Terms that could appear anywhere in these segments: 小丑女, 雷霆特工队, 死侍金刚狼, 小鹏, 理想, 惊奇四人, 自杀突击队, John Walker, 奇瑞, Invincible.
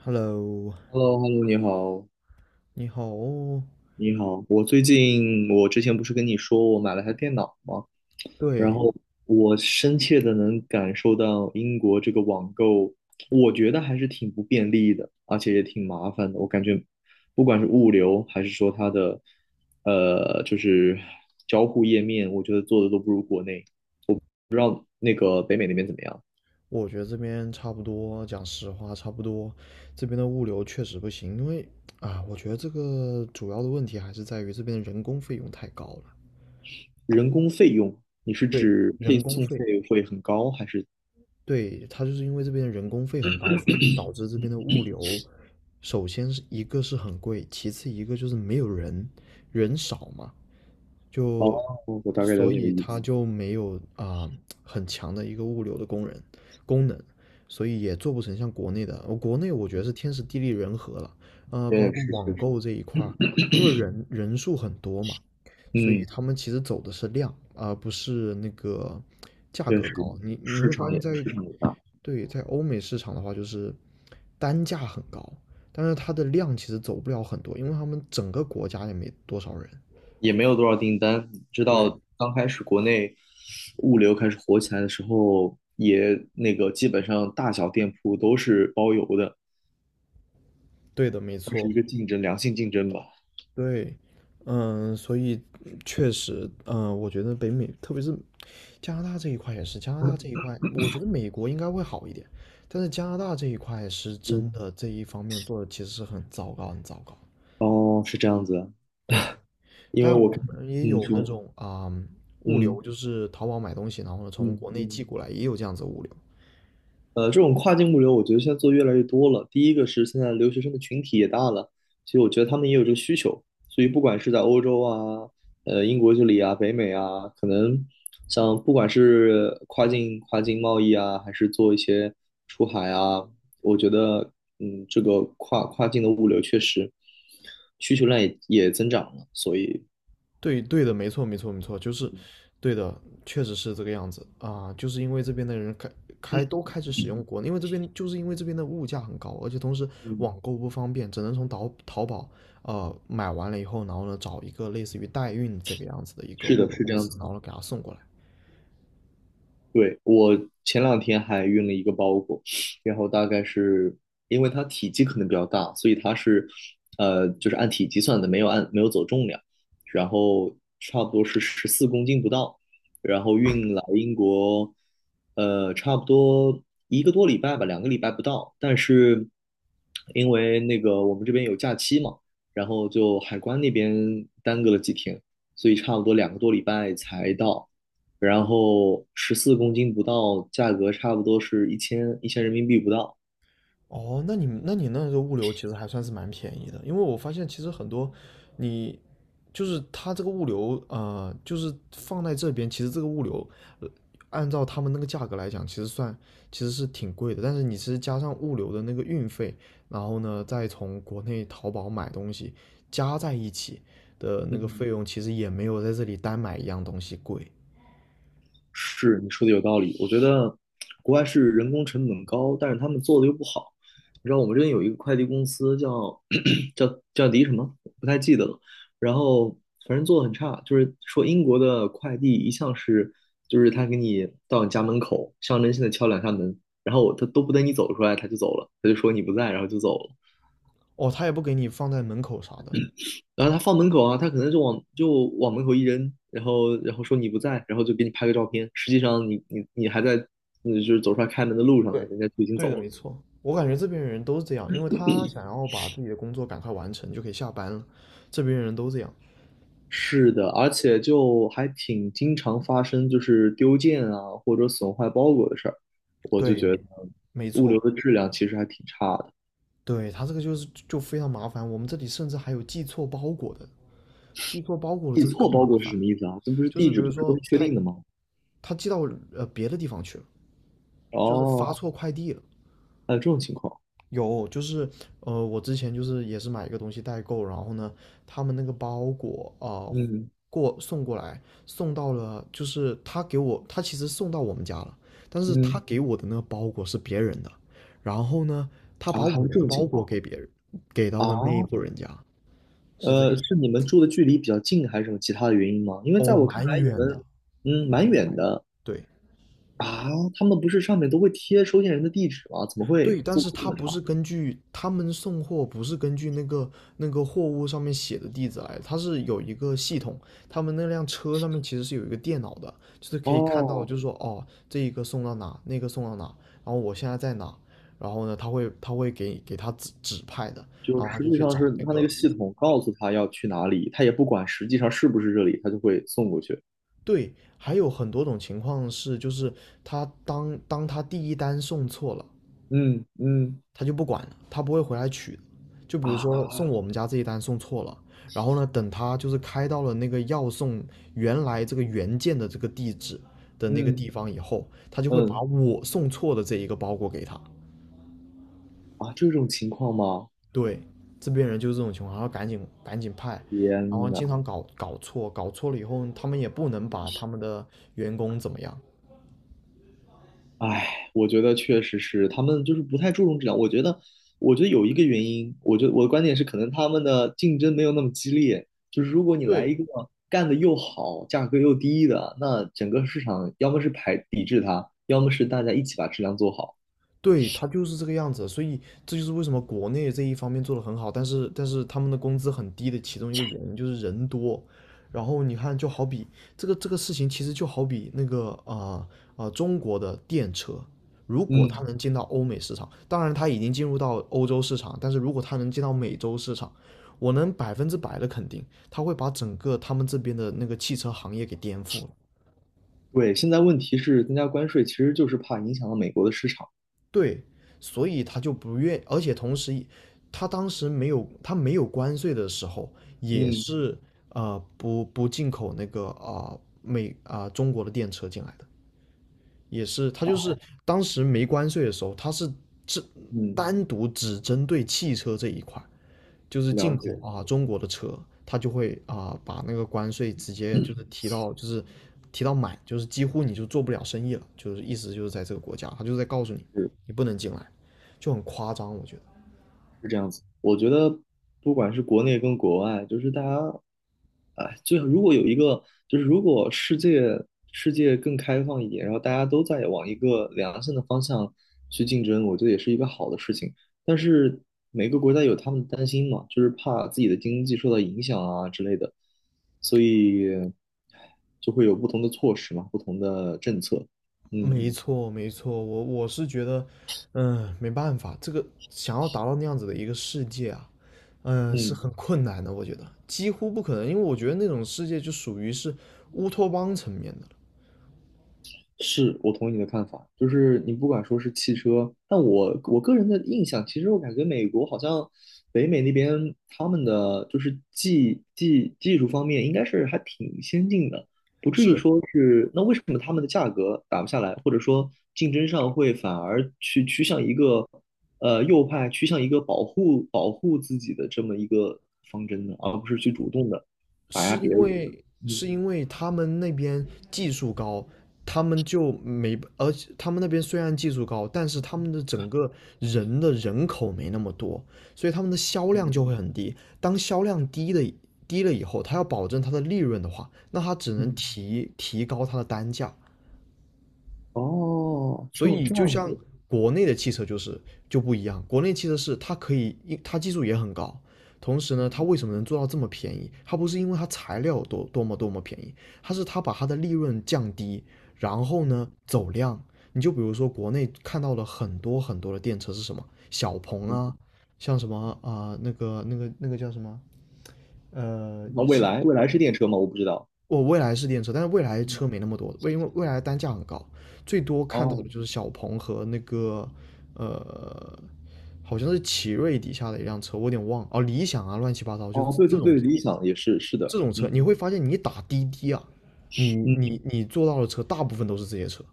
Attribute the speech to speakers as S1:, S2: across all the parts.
S1: Hello，
S2: hello hello 你好，
S1: 你好哦。
S2: 你好。我最近，我之前不是跟你说我买了台电脑吗？然
S1: 对，
S2: 后我深切的能感受到英国这个网购，我觉得还是挺不便利的，而且也挺麻烦的。我感觉，不管是物流还是说它的，就是交互页面，我觉得做的都不如国内。不知道那个北美那边怎么样？
S1: 我觉得这边差不多，讲实话，差不多。这边的物流确实不行，因为啊，我觉得这个主要的问题还是在于这边的人工费用太高了。
S2: 人工费用，你是
S1: 对，
S2: 指配
S1: 人工
S2: 送
S1: 费，
S2: 费会很高，还是？
S1: 对，它就是因为这边的人工费很高，所以导致这边的物流，首先是一个是很贵，其次一个就是没有人，人少嘛，
S2: 哦，
S1: 就
S2: 我大概了
S1: 所
S2: 解你
S1: 以
S2: 的意
S1: 它
S2: 思。
S1: 就没有很强的一个物流的工人功能，所以也做不成像国内的。国内我觉得是天时地利人和了，包
S2: 确
S1: 括
S2: 实，确
S1: 网
S2: 实。
S1: 购这一块儿因为人数很多嘛，所以
S2: 嗯，
S1: 他们其实走的是量，而不是那个价
S2: 确
S1: 格
S2: 实，
S1: 高。你
S2: 市
S1: 会
S2: 场
S1: 发现
S2: 也市场也大，
S1: 对，在欧美市场的话，就是单价很高，但是它的量其实走不了很多，因为他们整个国家也没多少人。
S2: 也没有多少订单。你知
S1: 对，
S2: 道刚开始国内物流开始火起来的时候，也那个基本上大小店铺都是包邮的，
S1: 对的，没
S2: 算是
S1: 错，
S2: 一个竞争，良性竞争吧。
S1: 对，嗯，所以确实，我觉得北美，特别是加拿大这一块也是，加拿大这一块，我觉得美国应该会好一点，但是加拿大这一块是
S2: 嗯，
S1: 真的这一方面做的其实是很糟糕，很糟糕。
S2: 哦，是这样子啊。
S1: 对，
S2: 因为
S1: 但
S2: 我
S1: 我
S2: 看，
S1: 们也
S2: 嗯，
S1: 有那
S2: 说，
S1: 种物
S2: 嗯
S1: 流，就是淘宝买东西，然后呢从
S2: 嗯
S1: 国内
S2: 嗯。
S1: 寄过来，也有这样子的物流。
S2: 这种跨境物流，我觉得现在做越来越多了。第一个是现在留学生的群体也大了，其实我觉得他们也有这个需求。所以不管是在欧洲啊、英国这里啊、北美啊，可能像不管是跨境贸易啊，还是做一些出海啊，我觉得这个跨境的物流确实需求量也增长了。所以，
S1: 对对的，没错没错没错，就是
S2: 嗯，
S1: 对的，确实是这个样子就是因为这边的人
S2: 嗯
S1: 都开始使用国内，因为这边就是因为这边的物价很高，而且同时
S2: 嗯，
S1: 网购不方便，只能从淘宝买完了以后，然后呢找一个类似于代运这个样子的一个
S2: 是
S1: 物
S2: 的，
S1: 流
S2: 是这
S1: 公
S2: 样
S1: 司，然
S2: 子。
S1: 后呢给他送过来。
S2: 对，我前两天还运了一个包裹，然后大概是因为它体积可能比较大，所以它是就是按体积算的，没有走重量，然后差不多是十四公斤不到，然后运来英国，差不多一个多礼拜吧，两个礼拜不到，但是因为那个我们这边有假期嘛，然后就海关那边耽搁了几天，所以差不多两个多礼拜才到。然后十四公斤不到，价格差不多是一千人民币不到。
S1: 哦，那你那个物流其实还算是蛮便宜的，因为我发现其实很多你就是它这个物流，就是放在这边，其实这个物流，呃，按照他们那个价格来讲，其实是挺贵的，但是你其实加上物流的那个运费，然后呢再从国内淘宝买东西加在一起的那个
S2: 嗯，
S1: 费用，其实也没有在这里单买一样东西贵。
S2: 是你说的有道理，我觉得国外是人工成本高，但是他们做的又不好。你知道我们这边有一个快递公司叫 叫迪什么，不太记得了。然后反正做的很差，就是说英国的快递一向是，就是他给你到你家门口，象征性的敲两下门，然后他都不等你走出来，他就走了，他就说你不在，然后就走了。
S1: 哦，他也不给你放在门口啥的，
S2: 然后他放门口啊，他可能就往门口一扔，然后说你不在，然后就给你拍个照片。实际上你还在，就是走出来开门的路上呢，
S1: 对，
S2: 人家就已经
S1: 对的，
S2: 走了。
S1: 没错。我感觉这边的人都是这样，因为他想要把自己的工作赶快完成，就可以下班了。这边人都这样。
S2: 是的，而且就还挺经常发生，就是丢件啊或者损坏包裹的事儿。我就
S1: 对，
S2: 觉得
S1: 没
S2: 物流
S1: 错。
S2: 的质量其实还挺差的。
S1: 对，他这个就是非常麻烦。我们这里甚至还有寄错包裹的，寄错包裹的
S2: 寄
S1: 这个更
S2: 错包
S1: 麻
S2: 裹是
S1: 烦。
S2: 什么意思啊？这不是
S1: 就是
S2: 地
S1: 比
S2: 址不
S1: 如
S2: 是都
S1: 说
S2: 是确
S1: 他
S2: 定的吗？
S1: 他寄到别的地方去了，就是发
S2: 哦，
S1: 错快递了，
S2: 还有这种情况，
S1: 有，就是我之前就是也是买一个东西代购，然后呢，他们那个包裹啊、呃
S2: 嗯
S1: 过送过来，送到了，就是他给我，他其实送到我们家了，但是他
S2: 嗯，
S1: 给我的那个包裹是别人的，然后呢，他
S2: 啊，
S1: 把
S2: 还有
S1: 我
S2: 这
S1: 的
S2: 种
S1: 包
S2: 情
S1: 裹
S2: 况。
S1: 给别人，给到了那
S2: 啊。
S1: 一户人家，是这个，
S2: 是你们住的距离比较近，还是什么其他的原因吗？因为在
S1: 哦，
S2: 我看
S1: 蛮
S2: 来，你
S1: 远的，
S2: 们
S1: 蛮
S2: 蛮
S1: 远，
S2: 远的
S1: 对。
S2: 啊。他们不是上面都会贴收件人的地址吗？怎么会
S1: 对，但
S2: 这
S1: 是
S2: 么这
S1: 他
S2: 么
S1: 不是
S2: 差？
S1: 根据他们送货不是根据那个货物上面写的地址来他是有一个系统，他们那辆车上面其实是有一个电脑的，就是可以看到，
S2: 哦，
S1: 就是说哦，这一个送到哪，那个送到哪，然后我现在在哪，然后呢，他会给他指派的，
S2: 就
S1: 然后他
S2: 实
S1: 就
S2: 际
S1: 去
S2: 上
S1: 找
S2: 是
S1: 那
S2: 他那个
S1: 个。
S2: 系统告诉他要去哪里，他也不管实际上是不是这里，他就会送过去。
S1: 对，还有很多种情况是，就是他当他第一单送错了，
S2: 嗯嗯
S1: 他就不管了，他不会回来取。就比如说送
S2: 啊
S1: 我们家这一单送错了，然后呢，等他就是开到了那个要送原来这个原件的这个地址的那个
S2: 嗯
S1: 地方以后，他就会把
S2: 嗯
S1: 我送错的这一个包裹给他。
S2: 啊，这种情况吗？
S1: 对，这边人就是这种情况，然后赶紧赶紧派，然
S2: 天
S1: 后
S2: 呐！
S1: 经常搞错，搞错了以后，他们也不能把他们的员工怎么样。
S2: 唉，我觉得确实是他们就是不太注重质量。我觉得，我觉得有一个原因，我觉得我的观点是，可能他们的竞争没有那么激烈。就是如果你来
S1: 对，
S2: 一个干得又好、价格又低的，那整个市场要么是排抵制它，要么是大家一起把质量做好。
S1: 对，他就是这个样子，所以这就是为什么国内这一方面做的很好，但是他们的工资很低的其中一个原因就是人多。然后你看，就好比这个事情，其实就好比中国的电车，如果它
S2: 嗯，
S1: 能进到欧美市场，当然它已经进入到欧洲市场，但是如果它能进到美洲市场，我能百分之百的肯定，它会把整个他们这边的那个汽车行业给颠覆了。
S2: 对。现在问题是增加关税，其实就是怕影响到美国的市场。
S1: 对，所以他就不愿，而且同时，他当时没有关税的时候，也
S2: 嗯
S1: 是不进口那个啊、呃美啊、呃中国的电车进来的，也是他就是当时没关税的时候，他是只
S2: 嗯，
S1: 单独只针对汽车这一块，就是
S2: 了
S1: 进口
S2: 解。
S1: 啊中国的车，它就会啊把那个关税直接就是 提到满，就是几乎你就做不了生意了，就是意思就是在这个国家，他就在告诉你
S2: 是。
S1: 你不能进来，就很夸张，我觉得。
S2: 这样子，我觉得不管是国内跟国外，就是大家，哎，最好如果有一个，就是如果世界世界更开放一点，然后大家都在往一个良性的方向去竞争，我觉得也是一个好的事情。但是每个国家有他们的担心嘛，就是怕自己的经济受到影响啊之类的，所以就会有不同的措施嘛，不同的政策。
S1: 没
S2: 嗯
S1: 错，没错，我是觉得，嗯，没办法，这个想要达到那样子的一个世界啊，是
S2: 嗯。
S1: 很困难的，我觉得几乎不可能，因为我觉得那种世界就属于是乌托邦层面的了。
S2: 是我同意你的看法，就是你不管说是汽车，但我我个人的印象，其实我感觉美国好像北美那边他们的就是技术方面应该是还挺先进的，不至于
S1: 是
S2: 说是那为什么他们的价格打不下来，或者说竞争上会反而去趋向一个右派趋向一个保护保护自己的这么一个方针呢，而不是去主动的打压
S1: 是
S2: 别
S1: 因
S2: 人。
S1: 为
S2: 嗯
S1: 是因为他们那边技术高，他们就没，而且他们那边虽然技术高，但是他们的整个人口没那么多，所以他们的销量
S2: 嗯
S1: 就会很低。当销量低了以后，他要保证他的利润的话，那他只能
S2: 嗯，
S1: 提高他的单价。
S2: 哦，
S1: 所
S2: 这
S1: 以
S2: 这
S1: 就
S2: 样
S1: 像
S2: 子。
S1: 国内的汽车就是不一样，国内汽车是它可以，它技术也很高，同时呢，它
S2: 嗯
S1: 为什么能做到这么便宜？它不是因为它材料多么多么便宜，它是它把它的利润降低，然后
S2: 嗯
S1: 呢走量。你就比如说国内看到了很多很多的电车是什么小鹏
S2: 嗯，
S1: 啊，像什么那个叫什么呃
S2: 那未
S1: 是
S2: 来，未来是电车吗？我不知道。
S1: 我未来是电车，但是未来车
S2: 嗯，
S1: 没那么多，因为未来单价很高，最多看到的
S2: 哦
S1: 就是小鹏和那个好像是奇瑞底下的一辆车，我有点忘了哦，理想啊，乱七八糟，就
S2: 哦，对
S1: 这
S2: 对
S1: 种
S2: 对，理想也是是
S1: 这
S2: 的，
S1: 种车，
S2: 嗯
S1: 你会发现你打滴滴啊，你
S2: 嗯
S1: 你你坐到的车大部分都是这些车，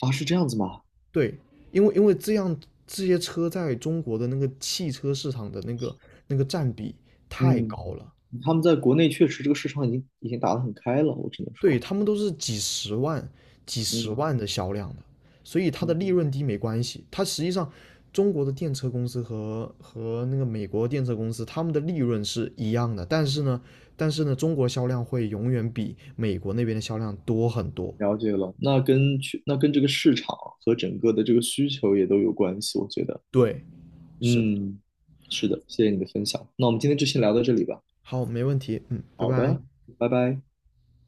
S2: 啊，是这样子吗？
S1: 对，因为这些车在中国的那个汽车市场的那个占比太
S2: 嗯，
S1: 高了，
S2: 他们在国内确实这个市场已经打得很开了，我只能
S1: 对，
S2: 说，
S1: 他们都是几十万、几十
S2: 嗯
S1: 万的销量的，所以它的利
S2: 嗯，
S1: 润低没关系。它实际上，中国的电车公司和那个美国电车公司，他们的利润是一样的，但是呢，中国销量会永远比美国那边的销量多很多。
S2: 了解了。那跟这个市场和整个的这个需求也都有关系，我觉得，
S1: 对，是的。
S2: 嗯，是的，谢谢你的分享。那我们今天就先聊到这里吧。
S1: 好，没问题。嗯，拜
S2: 好
S1: 拜。
S2: 的，拜拜。